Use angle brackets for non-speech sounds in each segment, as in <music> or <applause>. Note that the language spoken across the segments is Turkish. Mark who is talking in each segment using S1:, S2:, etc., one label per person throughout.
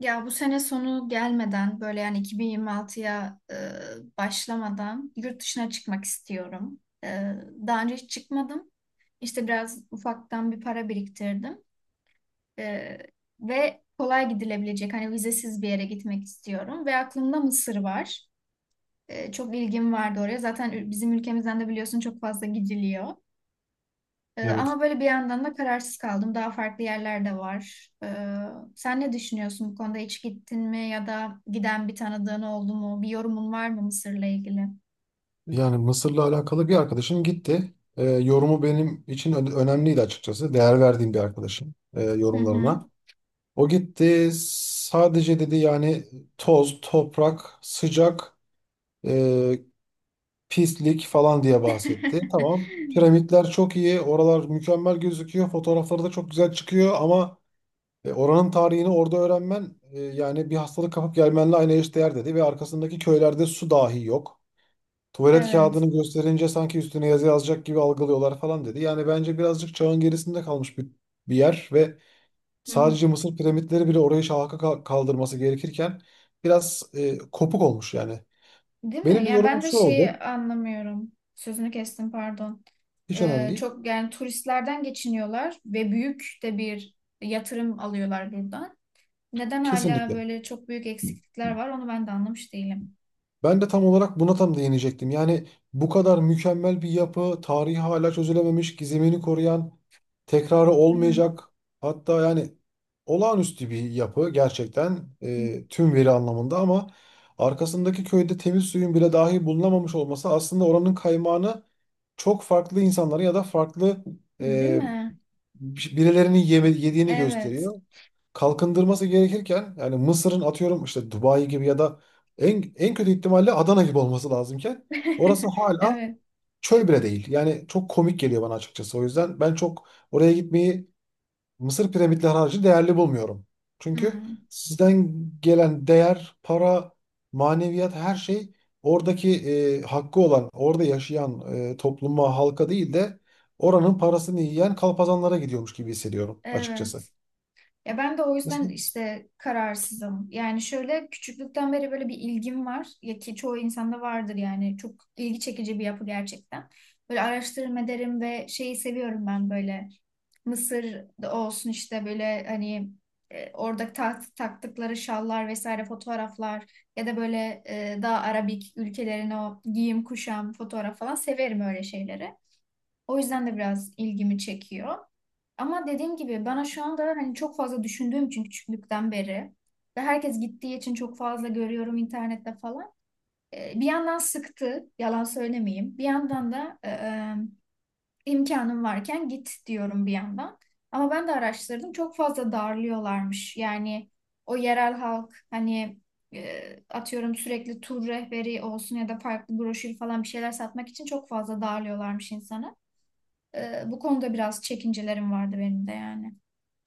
S1: Ya bu sene sonu gelmeden böyle yani 2026'ya başlamadan yurt dışına çıkmak istiyorum. Daha önce hiç çıkmadım. İşte biraz ufaktan bir para biriktirdim. E, Ve kolay gidilebilecek hani vizesiz bir yere gitmek istiyorum. Ve aklımda Mısır var. Çok ilgim vardı oraya. Zaten bizim ülkemizden de biliyorsun çok fazla gidiliyor.
S2: Evet.
S1: Ama böyle bir yandan da kararsız kaldım. Daha farklı yerler de var. Sen ne düşünüyorsun bu konuda? Hiç gittin mi ya da giden bir tanıdığın oldu mu? Bir yorumun var mı Mısır'la ilgili?
S2: Yani Mısır'la alakalı bir arkadaşım gitti. Yorumu benim için önemliydi açıkçası. Değer verdiğim bir arkadaşım
S1: Hı hı.
S2: yorumlarına. O gitti sadece dedi yani toz, toprak, sıcak, e, pislik falan diye bahsetti. Tamam.
S1: <laughs>
S2: Piramitler çok iyi. Oralar mükemmel gözüküyor. Fotoğrafları da çok güzel çıkıyor ama oranın tarihini orada öğrenmen yani bir hastalık kapıp gelmenle aynı eşdeğer dedi ve arkasındaki köylerde su dahi yok. Tuvalet
S1: Evet.
S2: kağıdını gösterince sanki üstüne yazı yazacak gibi algılıyorlar falan dedi. Yani bence birazcık çağın gerisinde kalmış bir yer ve
S1: Hı hı.
S2: sadece Mısır piramitleri bile orayı şaha kaldırması gerekirken biraz kopuk olmuş yani.
S1: Değil mi?
S2: Benim de
S1: Ya
S2: yorumum
S1: ben de
S2: şu
S1: şeyi
S2: oldu.
S1: anlamıyorum. Sözünü kestim, pardon.
S2: Hiç önemli değil.
S1: Çok yani turistlerden geçiniyorlar ve büyük de bir yatırım alıyorlar buradan. Neden hala
S2: Kesinlikle.
S1: böyle çok büyük eksiklikler var onu ben de anlamış değilim.
S2: Ben de tam olarak buna tam değinecektim. Yani bu kadar mükemmel bir yapı, tarihi hala çözülememiş, gizemini koruyan, tekrarı
S1: Hı hı.
S2: olmayacak. Hatta yani olağanüstü bir yapı gerçekten tüm veri anlamında ama arkasındaki köyde temiz suyun bile dahi bulunamamış olması aslında oranın kaymağını çok farklı insanlara ya da farklı
S1: Değil
S2: e,
S1: mi?
S2: birilerinin yediğini
S1: Evet.
S2: gösteriyor. Kalkındırması gerekirken yani Mısır'ın atıyorum işte Dubai gibi ya da en kötü ihtimalle Adana gibi olması lazımken orası
S1: <laughs>
S2: hala
S1: Evet.
S2: çöl bile değil. Yani çok komik geliyor bana açıkçası. O yüzden ben çok oraya gitmeyi Mısır piramitleri harcı değerli bulmuyorum. Çünkü
S1: Hmm.
S2: sizden gelen değer, para, maneviyat her şey oradaki hakkı olan, orada yaşayan topluma, halka değil de oranın parasını yiyen kalpazanlara gidiyormuş gibi hissediyorum açıkçası.
S1: Evet. Ya ben de o yüzden
S2: Mesela,
S1: işte kararsızım. Yani şöyle küçüklükten beri böyle bir ilgim var. Ya ki çoğu insanda vardır yani. Çok ilgi çekici bir yapı gerçekten. Böyle araştırma ederim ve şeyi seviyorum ben böyle. Mısır da olsun işte böyle hani orada taktıkları şallar vesaire fotoğraflar ya da böyle, daha Arabik ülkelerin o giyim kuşam fotoğraf falan severim öyle şeyleri. O yüzden de biraz ilgimi çekiyor. Ama dediğim gibi bana şu anda hani çok fazla düşündüğüm için küçüklükten beri ve herkes gittiği için çok fazla görüyorum internette falan. Bir yandan sıktı, yalan söylemeyeyim. Bir yandan da imkanım varken git diyorum bir yandan. Ama ben de araştırdım. Çok fazla darlıyorlarmış. Yani o yerel halk hani, e, atıyorum sürekli tur rehberi olsun ya da farklı broşür falan bir şeyler satmak için çok fazla darlıyorlarmış insanı. Bu konuda biraz çekincelerim vardı benim de yani.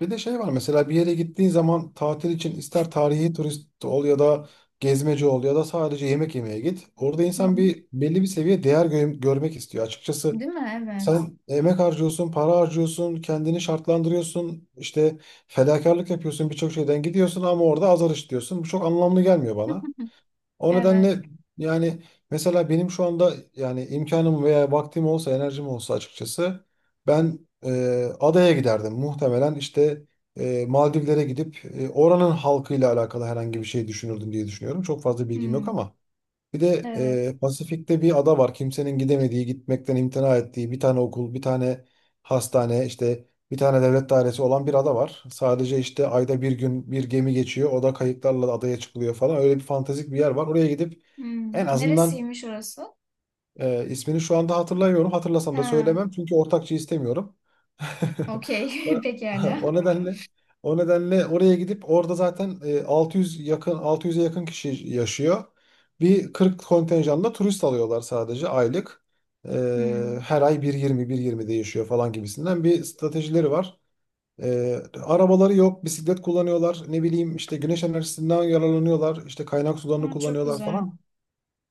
S2: bir de şey var mesela bir yere gittiğin zaman tatil için ister tarihi turist ol ya da gezmeci ol ya da sadece yemek yemeye git. Orada
S1: Hı
S2: insan
S1: hı.
S2: bir belli bir seviye değer görmek istiyor. Açıkçası.
S1: Değil mi? Evet.
S2: Sen emek harcıyorsun, para harcıyorsun, kendini şartlandırıyorsun, işte fedakarlık yapıyorsun, birçok şeyden gidiyorsun ama orada azar işliyorsun. Bu çok anlamlı gelmiyor bana.
S1: <laughs>
S2: O
S1: Evet.
S2: nedenle yani mesela benim şu anda yani imkanım veya vaktim olsa, enerjim olsa açıkçası ben e, adaya giderdim. Muhtemelen işte Maldivlere gidip oranın halkıyla alakalı herhangi bir şey düşünürdüm diye düşünüyorum. Çok fazla bilgim yok
S1: Hmm.
S2: ama. Bir de
S1: Evet.
S2: Pasifik'te bir ada var. Kimsenin gidemediği, gitmekten imtina ettiği bir tane okul, bir tane hastane, işte bir tane devlet dairesi olan bir ada var. Sadece işte ayda bir gün bir gemi geçiyor. O da kayıklarla adaya çıkılıyor falan. Öyle bir fantastik bir yer var. Oraya gidip en
S1: Hmm.
S2: azından
S1: Neresiymiş orası?
S2: ismini şu anda hatırlamıyorum. Hatırlasam da
S1: Ha.
S2: söylemem çünkü ortakçı istemiyorum. <laughs> O,
S1: Okey. <laughs> Pekala.
S2: o nedenle o nedenle oraya gidip orada zaten 600'e yakın kişi yaşıyor. Bir 40 kontenjanla turist alıyorlar sadece aylık.
S1: Hmm.
S2: Her ay bir 1.20 değişiyor falan gibisinden bir stratejileri var. Arabaları yok, bisiklet kullanıyorlar. Ne bileyim işte güneş enerjisinden yararlanıyorlar. İşte kaynak sularını
S1: Aa, çok
S2: kullanıyorlar
S1: güzel.
S2: falan.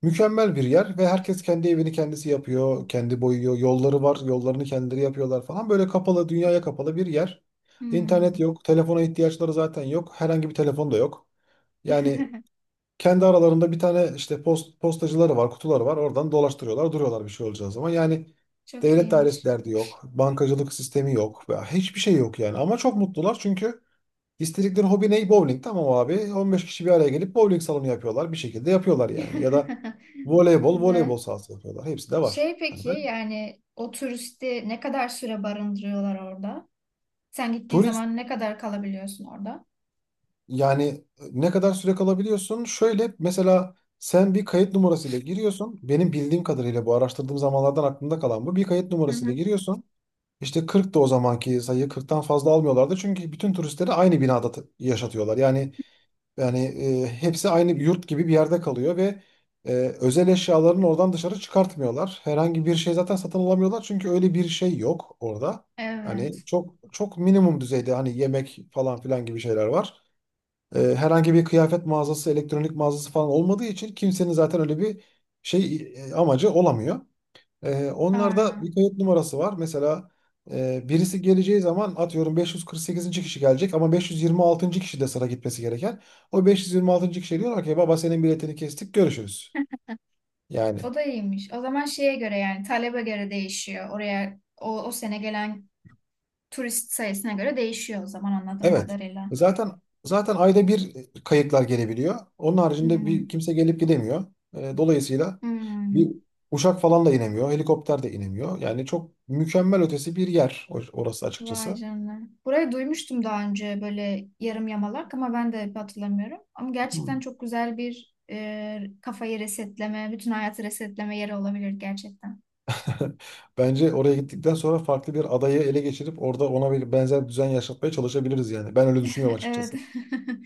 S2: Mükemmel bir yer ve herkes kendi evini kendisi yapıyor, kendi boyuyor, yolları var, yollarını kendileri yapıyorlar falan. Böyle kapalı, dünyaya kapalı bir yer. İnternet
S1: Hmm.
S2: yok, telefona ihtiyaçları zaten yok, herhangi bir telefon da yok. Yani
S1: <laughs>
S2: kendi aralarında bir tane işte postacıları var, kutuları var. Oradan dolaştırıyorlar, duruyorlar bir şey olacağı zaman. Yani
S1: Çok
S2: devlet dairesi
S1: iyiymiş.
S2: derdi yok, bankacılık sistemi yok veya hiçbir şey yok yani. Ama çok mutlular çünkü. İstedikleri hobi ne? Bowling. Tamam abi. 15 kişi bir araya gelip bowling salonu yapıyorlar. Bir şekilde yapıyorlar yani. Ya da
S1: <laughs>
S2: voleybol
S1: Güzel.
S2: sahası yapıyorlar. Hepsi de var.
S1: Şey,
S2: Hani
S1: peki
S2: ben
S1: yani o turisti ne kadar süre barındırıyorlar orada? Sen gittiğin
S2: turist
S1: zaman ne kadar kalabiliyorsun orada?
S2: yani ne kadar süre kalabiliyorsun? Şöyle mesela sen bir kayıt numarasıyla giriyorsun. Benim bildiğim kadarıyla bu araştırdığım zamanlardan aklımda kalan bu. Bir kayıt
S1: Hı
S2: numarasıyla
S1: hı.
S2: giriyorsun. İşte 40 da o zamanki sayı 40'tan fazla almıyorlardı. Çünkü bütün turistleri aynı binada yaşatıyorlar. Yani hepsi aynı bir yurt gibi bir yerde kalıyor ve e, özel eşyalarını oradan dışarı çıkartmıyorlar. Herhangi bir şey zaten satın alamıyorlar çünkü öyle bir şey yok orada. Hani
S1: Evet.
S2: çok çok minimum düzeyde hani yemek falan filan gibi şeyler var. Herhangi bir kıyafet mağazası, elektronik mağazası falan olmadığı için kimsenin zaten öyle bir şey amacı olamıyor. Onlarda bir
S1: Aynen.
S2: kayıt numarası var. Mesela birisi geleceği zaman atıyorum 548. kişi gelecek ama 526. kişi de sıra gitmesi gereken. O 526. kişi diyorlar ki baba senin biletini kestik görüşürüz. Yani
S1: O da iyiymiş. O zaman şeye göre, yani talebe göre değişiyor. Oraya o sene gelen turist sayısına göre değişiyor o zaman, anladığım
S2: evet.
S1: kadarıyla.
S2: Zaten ayda bir kayıtlar gelebiliyor. Onun haricinde bir
S1: Hmm.
S2: kimse gelip gidemiyor. Dolayısıyla bir
S1: Hmm.
S2: uçak falan da inemiyor. Helikopter de inemiyor. Yani çok mükemmel ötesi bir yer orası
S1: Vay
S2: açıkçası.
S1: canına. Burayı duymuştum daha önce böyle yarım yamalak ama ben de hatırlamıyorum. Ama
S2: Hı.
S1: gerçekten çok güzel bir kafayı resetleme, bütün hayatı resetleme yeri olabilir gerçekten.
S2: <laughs> Bence oraya gittikten sonra farklı bir adayı ele geçirip orada ona bir benzer düzen yaşatmaya çalışabiliriz yani. Ben öyle düşünüyorum
S1: <laughs> Evet.
S2: açıkçası.
S1: <laughs>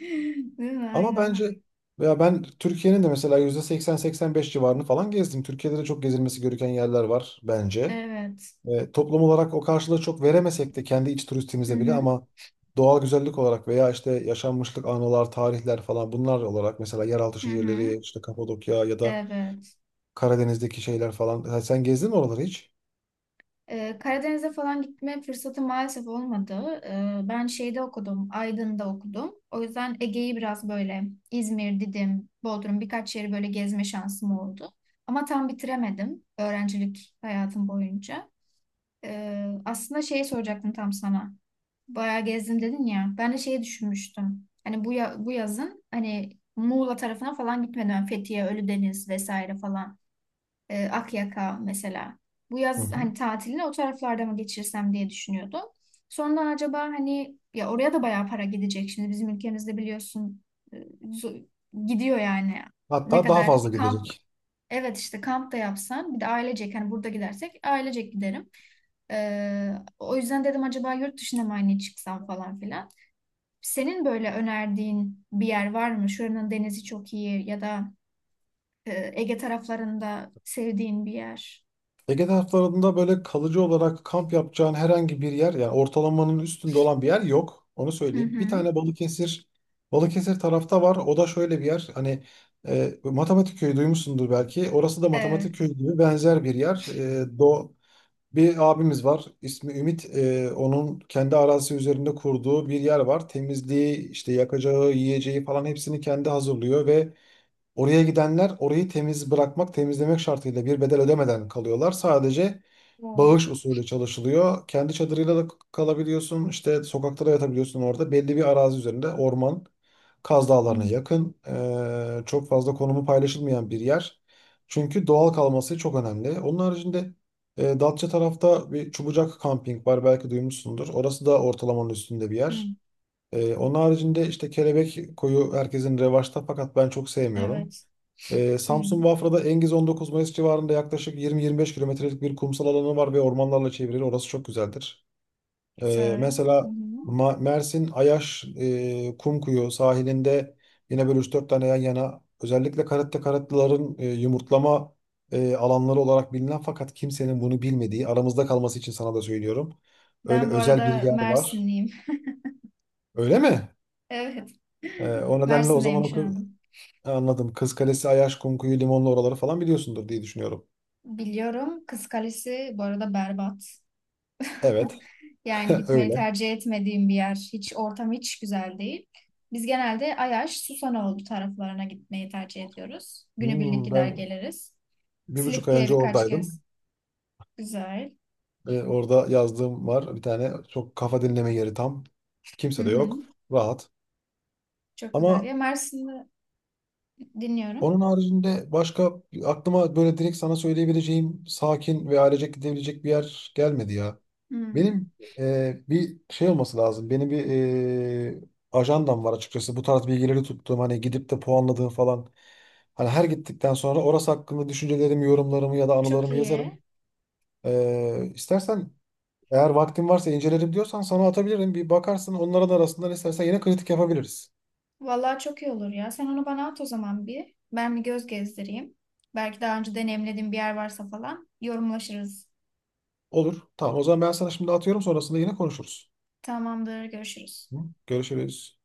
S1: Değil mi?
S2: Ama
S1: Aynen.
S2: bence veya ben Türkiye'nin de mesela %80-85 civarını falan gezdim. Türkiye'de de çok gezilmesi gereken yerler var bence.
S1: Evet.
S2: Toplum olarak o karşılığı çok veremesek de kendi iç
S1: Hı
S2: turistimize bile
S1: hı.
S2: ama doğal güzellik olarak veya işte yaşanmışlık anılar, tarihler falan bunlar olarak mesela yeraltı
S1: Hı hı.
S2: şehirleri işte Kapadokya ya da
S1: Evet.
S2: Karadeniz'deki şeyler falan. Ha, sen gezdin mi oraları hiç?
S1: Karadeniz'e falan gitme fırsatı maalesef olmadı. Ben şeyde okudum, Aydın'da okudum. O yüzden Ege'yi biraz böyle İzmir, Didim, Bodrum birkaç yeri böyle gezme şansım oldu. Ama tam bitiremedim öğrencilik hayatım boyunca. Aslında şeyi soracaktım tam sana. Bayağı gezdim dedin ya. Ben de şeyi düşünmüştüm. Hani bu yazın hani Muğla tarafına falan gitmeden, Fethiye, Ölüdeniz vesaire falan, Akyaka mesela. Bu
S2: Hı
S1: yaz
S2: hı.
S1: hani tatilini o taraflarda mı geçirsem diye düşünüyordum. Sonra acaba hani, ya oraya da bayağı para gidecek. Şimdi bizim ülkemizde biliyorsun, e, zo- gidiyor yani. Ne
S2: Hatta daha
S1: kadar
S2: fazla
S1: kamp.
S2: gidecek.
S1: Evet, işte kamp da yapsam, bir de ailecek hani burada gidersek ailecek giderim. E, O yüzden dedim acaba yurt dışına mı hani çıksam falan filan. Senin böyle önerdiğin bir yer var mı? Şuranın denizi çok iyi, ya da Ege taraflarında sevdiğin bir yer.
S2: Ege taraflarında böyle kalıcı olarak kamp yapacağın herhangi bir yer, yani ortalamanın üstünde olan bir yer yok. Onu
S1: Hı
S2: söyleyeyim. Bir
S1: hı.
S2: tane Balıkesir tarafta var. O da şöyle bir yer. Hani matematik köyü duymuşsundur belki. Orası da matematik
S1: Evet.
S2: köyü gibi benzer bir yer. E, Do Bir abimiz var. İsmi Ümit. Onun kendi arazisi üzerinde kurduğu bir yer var. Temizliği, işte yakacağı, yiyeceği falan hepsini kendi hazırlıyor ve oraya gidenler orayı temiz bırakmak, temizlemek şartıyla bir bedel ödemeden kalıyorlar. Sadece
S1: Oo.
S2: bağış usulü çalışılıyor. Kendi çadırıyla da kalabiliyorsun. İşte sokakta da yatabiliyorsun orada. Belli bir arazi üzerinde orman, Kaz Dağları'na
S1: Hmm,
S2: yakın. Çok fazla konumu paylaşılmayan bir yer. Çünkü doğal kalması çok önemli. Onun haricinde Datça tarafta bir Çubucak Camping var belki duymuşsundur. Orası da ortalamanın üstünde bir
S1: hmm.
S2: yer. Onun haricinde işte Kelebek Koyu herkesin revaçta fakat ben çok sevmiyorum.
S1: Evet. Hmm.
S2: Samsun Bafra'da Engiz 19 Mayıs civarında yaklaşık 20-25 kilometrelik bir kumsal alanı var ve ormanlarla çevrili. Orası çok güzeldir.
S1: Güzel. Hı
S2: Mesela
S1: hı.
S2: Mersin Ayaş Kumkuyu sahilinde yine böyle üç dört tane yan yana özellikle karette karatlıların yumurtlama alanları olarak bilinen fakat kimsenin bunu bilmediği aramızda kalması için sana da söylüyorum. Öyle
S1: Ben bu
S2: özel bir
S1: arada
S2: yer var.
S1: Mersinliyim. <laughs>
S2: Öyle mi?
S1: Evet.
S2: O
S1: <laughs>
S2: nedenle o
S1: Mersin'deyim
S2: zaman
S1: şu anda.
S2: anladım. Kız Kalesi, Ayaş, Kumkuyu, Limonlu oraları falan biliyorsundur diye düşünüyorum.
S1: Biliyorum. Kız Kalesi bu arada berbat. <laughs>
S2: Evet, <laughs>
S1: Yani gitmeyi
S2: öyle.
S1: tercih etmediğim bir yer. Hiç ortam hiç güzel değil. Biz genelde Ayaş, Susanoğlu taraflarına gitmeyi tercih ediyoruz. Günübirlik gider
S2: Ben
S1: geliriz.
S2: bir buçuk ay
S1: Silifke'ye
S2: önce
S1: birkaç kez.
S2: oradaydım.
S1: Güzel.
S2: Ve orada yazdığım var. Bir tane çok kafa dinleme yeri tam.
S1: Hı
S2: Kimse de
S1: hı.
S2: yok. Rahat.
S1: Çok güzel.
S2: Ama
S1: Ya Mersin'de dinliyorum.
S2: onun haricinde başka aklıma böyle direkt sana söyleyebileceğim sakin ve ailecek gidebilecek bir yer gelmedi ya.
S1: Hmm.
S2: Benim bir şey olması lazım. Benim bir e, ajandam var açıkçası. Bu tarz bilgileri tuttuğum hani gidip de puanladığım falan. Hani her gittikten sonra orası hakkında düşüncelerimi, yorumlarımı ya da
S1: Çok
S2: anılarımı yazarım.
S1: iyi.
S2: E, istersen Eğer vaktin varsa incelerim diyorsan sana atabilirim. Bir bakarsın onların arasından istersen yine kritik yapabiliriz.
S1: Vallahi çok iyi olur ya. Sen onu bana at o zaman bir. Ben bir göz gezdireyim. Belki daha önce deneyimlediğim bir yer varsa falan yorumlaşırız.
S2: Olur. Tamam o zaman ben sana şimdi atıyorum sonrasında yine konuşuruz.
S1: Tamamdır, görüşürüz.
S2: Hı? Görüşürüz.